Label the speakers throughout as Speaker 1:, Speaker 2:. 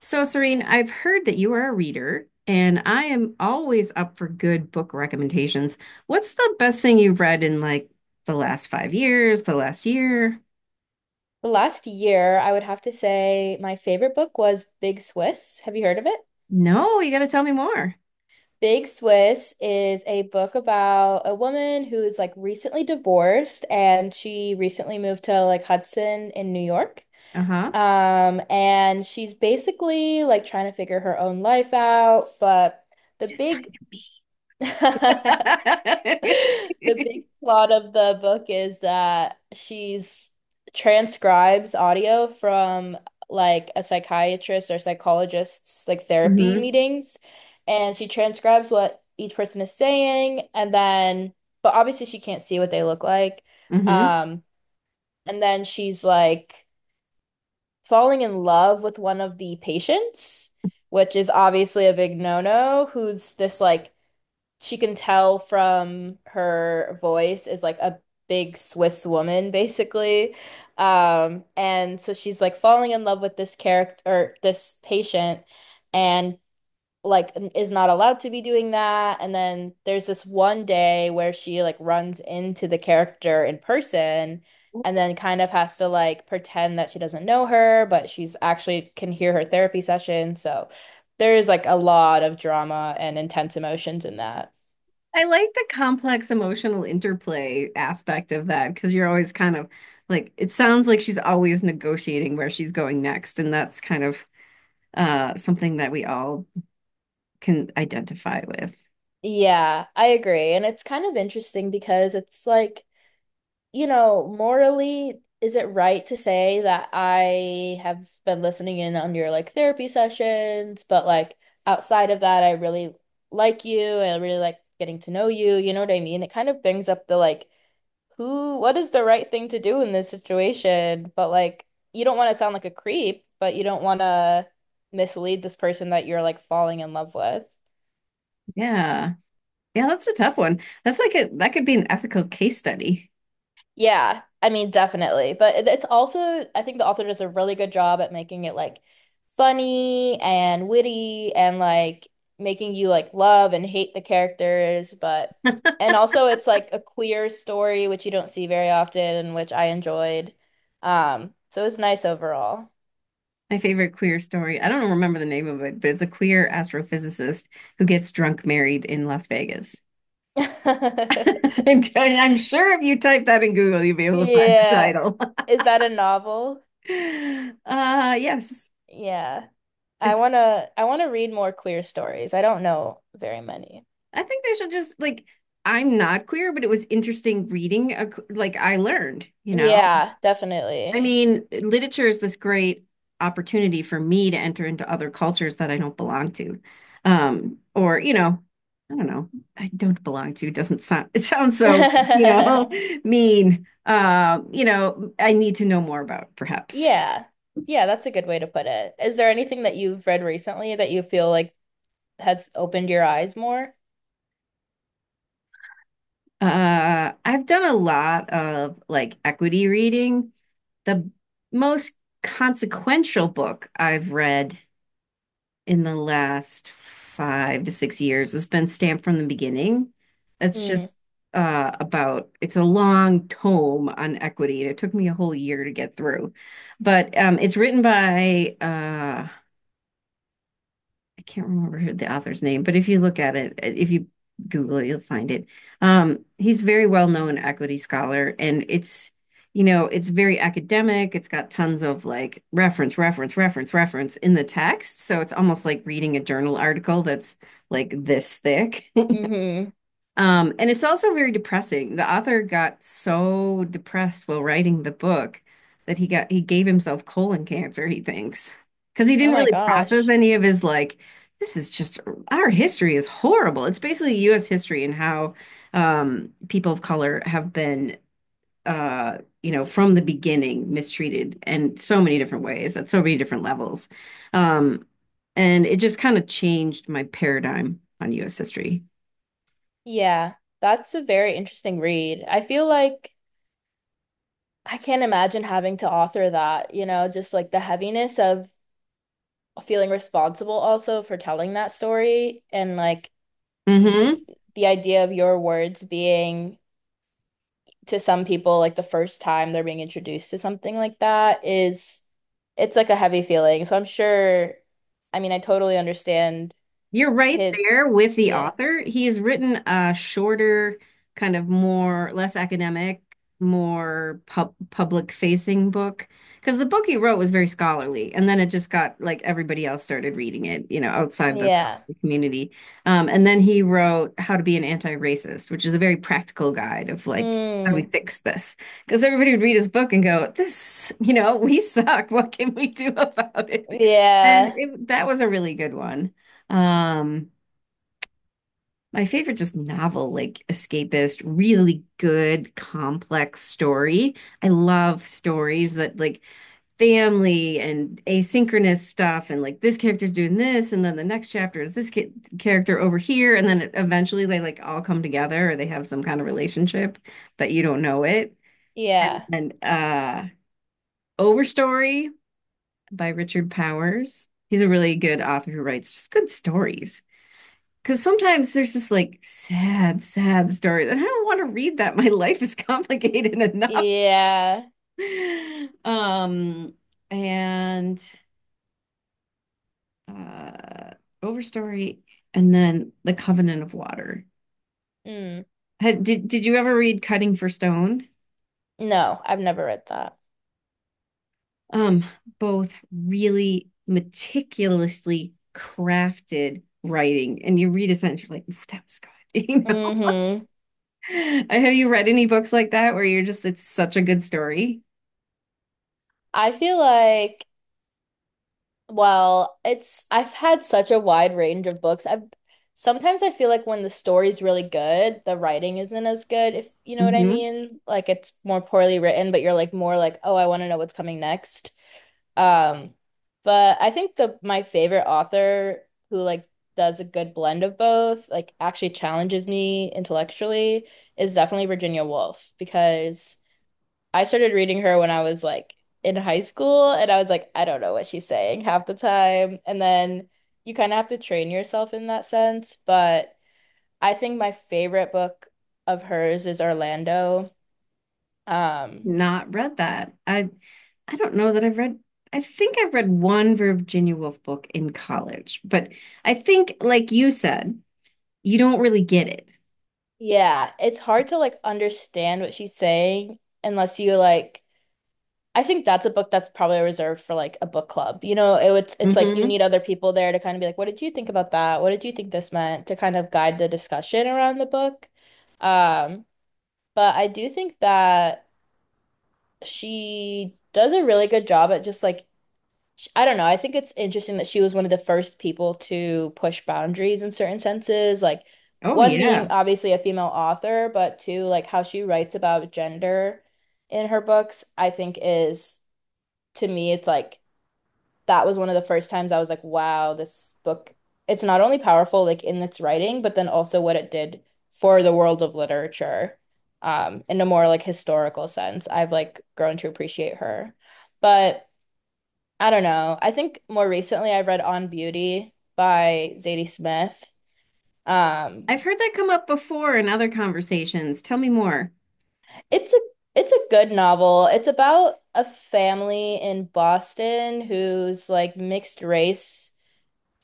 Speaker 1: So, Serene, I've heard that you are a reader, and I am always up for good book recommendations. What's the best thing you've read in like the last 5 years, the last year?
Speaker 2: The last year, I would have to say my favorite book was Big Swiss. Have you heard of it?
Speaker 1: No, you got to tell me more.
Speaker 2: Big Swiss is a book about a woman who is like recently divorced and she recently moved to like Hudson in New York.
Speaker 1: Uh-huh.
Speaker 2: And she's basically like trying to figure her own life out, but the
Speaker 1: This is
Speaker 2: big
Speaker 1: kind of me.
Speaker 2: the big plot of the book is that she's transcribes audio from like a psychiatrist or psychologist's like therapy
Speaker 1: Mm-hmm.
Speaker 2: meetings, and she transcribes what each person is saying, and then but obviously she can't see what they look like.
Speaker 1: Mm-hmm.
Speaker 2: Um, and then she's like falling in love with one of the patients, which is obviously a big no-no, who's this like she can tell from her voice is like a big Swiss woman, basically. And so she's like falling in love with this character or this patient and like is not allowed to be doing that. And then there's this one day where she like runs into the character in person and then kind of has to like pretend that she doesn't know her, but she's actually can hear her therapy session. So there is like a lot of drama and intense emotions in that.
Speaker 1: I like the complex emotional interplay aspect of that because you're always kind of like it sounds like she's always negotiating where she's going next, and that's kind of something that we all can identify with.
Speaker 2: Yeah, I agree. And it's kind of interesting because it's like, you know, morally, is it right to say that I have been listening in on your like therapy sessions, but like outside of that, I really like you and I really like getting to know you. You know what I mean? It kind of brings up the like, who, what is the right thing to do in this situation? But like, you don't want to sound like a creep, but you don't want to mislead this person that you're like falling in love with.
Speaker 1: Yeah. Yeah, that's a tough one. That's like a that could be an ethical case study.
Speaker 2: Yeah, I mean, definitely. But it's also, I think the author does a really good job at making it like funny and witty and like making you like love and hate the characters. But, and also it's like a queer story, which you don't see very often and which I enjoyed. So it's nice overall.
Speaker 1: My favorite queer story. I don't remember the name of it, but it's a queer astrophysicist who gets drunk married in Las Vegas. And I'm sure if you type that in Google, you'll be able to find the
Speaker 2: Yeah.
Speaker 1: title.
Speaker 2: Is that a novel?
Speaker 1: Yes.
Speaker 2: Yeah. I
Speaker 1: It's
Speaker 2: wanna I wanna read more queer stories. I don't know very many.
Speaker 1: I think they should just like I'm not queer, but it was interesting reading a, like I learned,
Speaker 2: Yeah,
Speaker 1: I
Speaker 2: definitely.
Speaker 1: mean, literature is this great opportunity for me to enter into other cultures that I don't belong to. Or, you know. I don't belong to doesn't sound it sounds so, you know, mean. You know, I need to know more about perhaps.
Speaker 2: Yeah. Yeah, that's a good way to put it. Is there anything that you've read recently that you feel like has opened your eyes more?
Speaker 1: I've done a lot of like equity reading. The most consequential book I've read in the last 5 to 6 years. It's been stamped from the beginning. It's
Speaker 2: Hmm.
Speaker 1: just about, it's a long tome on equity, and it took me a whole year to get through. But it's written by I can't remember who the author's name, but if you look at it, if you Google it, you'll find it. He's very well known equity scholar, and it's you know it's very academic. It's got tons of like reference, reference, reference, reference in the text, so it's almost like reading a journal article that's like this thick.
Speaker 2: Hmm.
Speaker 1: And it's also very depressing. The author got so depressed while writing the book that he gave himself colon cancer, he thinks, because he
Speaker 2: Oh
Speaker 1: didn't
Speaker 2: my
Speaker 1: really process
Speaker 2: gosh.
Speaker 1: any of his like, this is just our history is horrible. It's basically U.S. history and how people of color have been you know, from the beginning mistreated in so many different ways at so many different levels. Um, and it just kind of changed my paradigm on US history.
Speaker 2: Yeah, that's a very interesting read. I feel like I can't imagine having to author that, you know, just like the heaviness of feeling responsible also for telling that story and like y- the,
Speaker 1: Hmm
Speaker 2: the idea of your words being to some people, like the first time they're being introduced to something like that is it's like a heavy feeling. So I'm sure, I mean, I totally understand
Speaker 1: You're right
Speaker 2: his,
Speaker 1: there with the
Speaker 2: yeah,
Speaker 1: author. He's written a shorter, kind of more, less academic, more public facing book. Because the book he wrote was very scholarly, and then it just got like everybody else started reading it, you know, outside the
Speaker 2: yeah,
Speaker 1: scholarly community. And then he wrote How to Be an Anti-Racist, which is a very practical guide of like, how do we
Speaker 2: mm,
Speaker 1: fix this? Because everybody would read his book and go, this, you know, we suck. What can we do about it?
Speaker 2: yeah,
Speaker 1: That was a really good one. Um, my favorite just novel, like escapist, really good, complex story. I love stories that like family and asynchronous stuff, and like this character's doing this, and then the next chapter is this ki character over here, and then eventually they like all come together or they have some kind of relationship, but you don't know it.
Speaker 2: yeah,
Speaker 1: And Overstory by Richard Powers. He's a really good author who writes just good stories. Because sometimes there's just like sad, sad stories, and I don't want to read that. My life is complicated enough.
Speaker 2: yeah,
Speaker 1: Um, and uh, Overstory, and then The Covenant of Water.
Speaker 2: mm.
Speaker 1: Did you ever read Cutting for Stone?
Speaker 2: No, I've never read that.
Speaker 1: Um, both really meticulously crafted writing, and you read a sentence, you're like, "Ooh, that was good." You know?
Speaker 2: Mm-hmm.
Speaker 1: Have you read any books like that where you're just, it's such a good story?
Speaker 2: I feel like well, it's I've had such a wide range of books. I've sometimes I feel like when the story's really good, the writing isn't as good, if you know what I
Speaker 1: Mhm.
Speaker 2: mean. Like it's more poorly written, but you're like more like, oh, I want to know what's coming next. Um, but I think the my favorite author who like does a good blend of both, like actually challenges me intellectually, is definitely Virginia Woolf because I started reading her when I was like in high school, and I was like, I don't know what she's saying half the time. And then you kind of have to train yourself in that sense. But I think my favorite book of hers is Orlando. Um,
Speaker 1: Not read that. I don't know that I've read I've read one Virginia Woolf book in college, but I think like you said, you don't really get it.
Speaker 2: yeah, it's hard to like understand what she's saying unless you like. I think that's a book that's probably reserved for like a book club. You know, it's like you
Speaker 1: Hmm
Speaker 2: need other people there to kind of be like, what did you think about that? What did you think this meant? To kind of guide the discussion around the book. Um, But I do think that she does a really good job at just like, I don't know. I think it's interesting that she was one of the first people to push boundaries in certain senses. Like,
Speaker 1: Oh
Speaker 2: one being
Speaker 1: yeah.
Speaker 2: obviously a female author, but two, like how she writes about gender in her books, I think is to me, it's like, that was one of the first times I was like, wow, this book, it's not only powerful like in its writing, but then also what it did for the world of literature, in a more like historical sense. I've like grown to appreciate her. But I don't know. I think more recently I've read On Beauty by Zadie Smith. Um,
Speaker 1: I've heard that come up before in other conversations. Tell me more.
Speaker 2: it's a it's a good novel. It's about a family in Boston who's like mixed race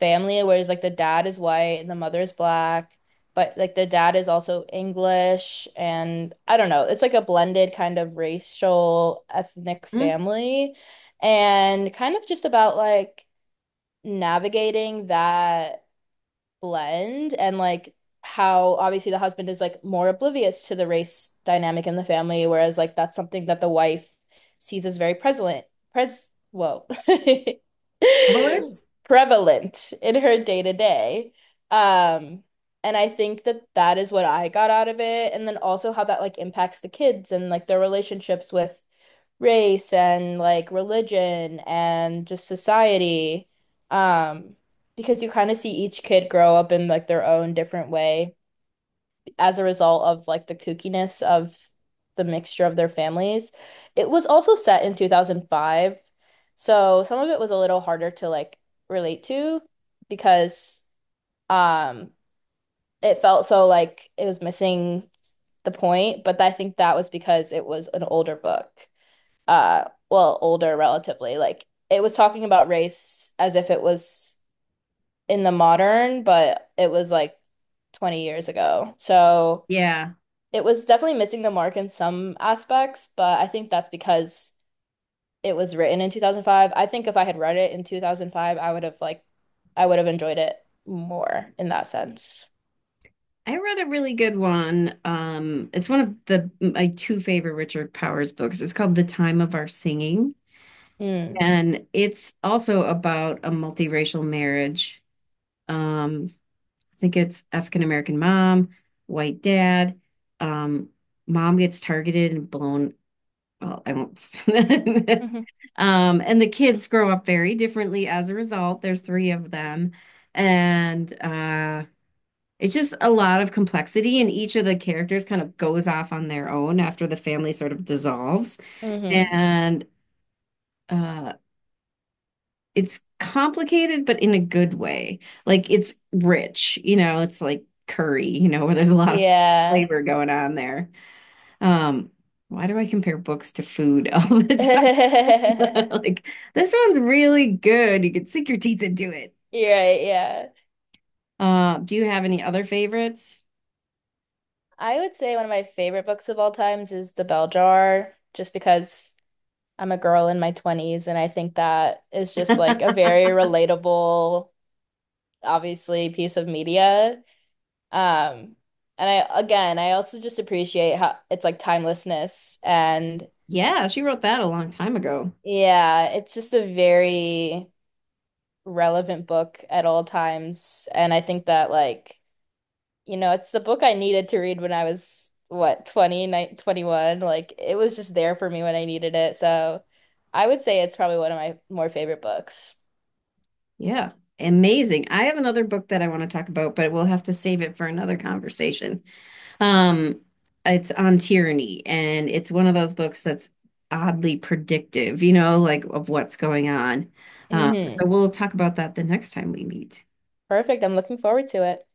Speaker 2: family where it's like the dad is white and the mother is black, but like the dad is also English and I don't know. It's like a blended kind of racial ethnic
Speaker 1: Mm,
Speaker 2: family and kind of just about like navigating that blend and like how obviously the husband is like more oblivious to the race dynamic in the family, whereas like that's something that the wife sees as very prevalent, pres whoa,
Speaker 1: Evelyn's?
Speaker 2: prevalent in her day to day. Um, and I think that that is what I got out of it, and then also how that like impacts the kids and like their relationships with race and like religion and just society. Um, because you kind of see each kid grow up in like their own different way as a result of like the kookiness of the mixture of their families. It was also set in 2005, so some of it was a little harder to like relate to because um it felt so like it was missing the point, but I think that was because it was an older book. Well, older relatively. Like it was talking about race as if it was in the modern, but it was like 20 years ago. So
Speaker 1: Yeah.
Speaker 2: it was definitely missing the mark in some aspects, but I think that's because it was written in 2005. I think if I had read it in 2005, I would have like I would have enjoyed it more in that sense.
Speaker 1: I read a really good one. It's one of the my two favorite Richard Powers books. It's called The Time of Our Singing,
Speaker 2: Mm.
Speaker 1: and it's also about a multiracial marriage. Um, I think it's African American mom, white dad. Um, Mom gets targeted and blown. Well, I won't.
Speaker 2: Hmm.
Speaker 1: And the kids grow up very differently as a result. There's three of them, and it's just a lot of complexity. And each of the characters kind of goes off on their own after the family sort of dissolves.
Speaker 2: Hmm.
Speaker 1: And uh, it's complicated but in a good way, like it's rich, you know, it's like curry, you know, where there's a lot of
Speaker 2: Yeah.
Speaker 1: flavor going on there. um why do I compare books to food all the
Speaker 2: You're
Speaker 1: time? Like, this one's really good, you can sink your teeth into it.
Speaker 2: right, yeah.
Speaker 1: Do you have any other favorites?
Speaker 2: I would say one of my favorite books of all times is The Bell Jar, just because I'm a girl in my 20s, and I think that is just like a very relatable, obviously, piece of media. Um, and I, again, I also just appreciate how it's like timelessness. And
Speaker 1: Yeah, she wrote that a long time ago.
Speaker 2: yeah, it's just a very relevant book at all times. And I think that, like, you know, it's the book I needed to read when I was, what, 20, 21. Like, it was just there for me when I needed it. So I would say it's probably one of my more favorite books.
Speaker 1: Yeah, amazing. I have another book that I want to talk about, but we'll have to save it for another conversation. Um, it's On Tyranny, and it's one of those books that's oddly predictive, you know, like of what's going on.
Speaker 2: Hmm.
Speaker 1: So we'll talk about that the next time we meet.
Speaker 2: Perfect. I'm looking forward to it.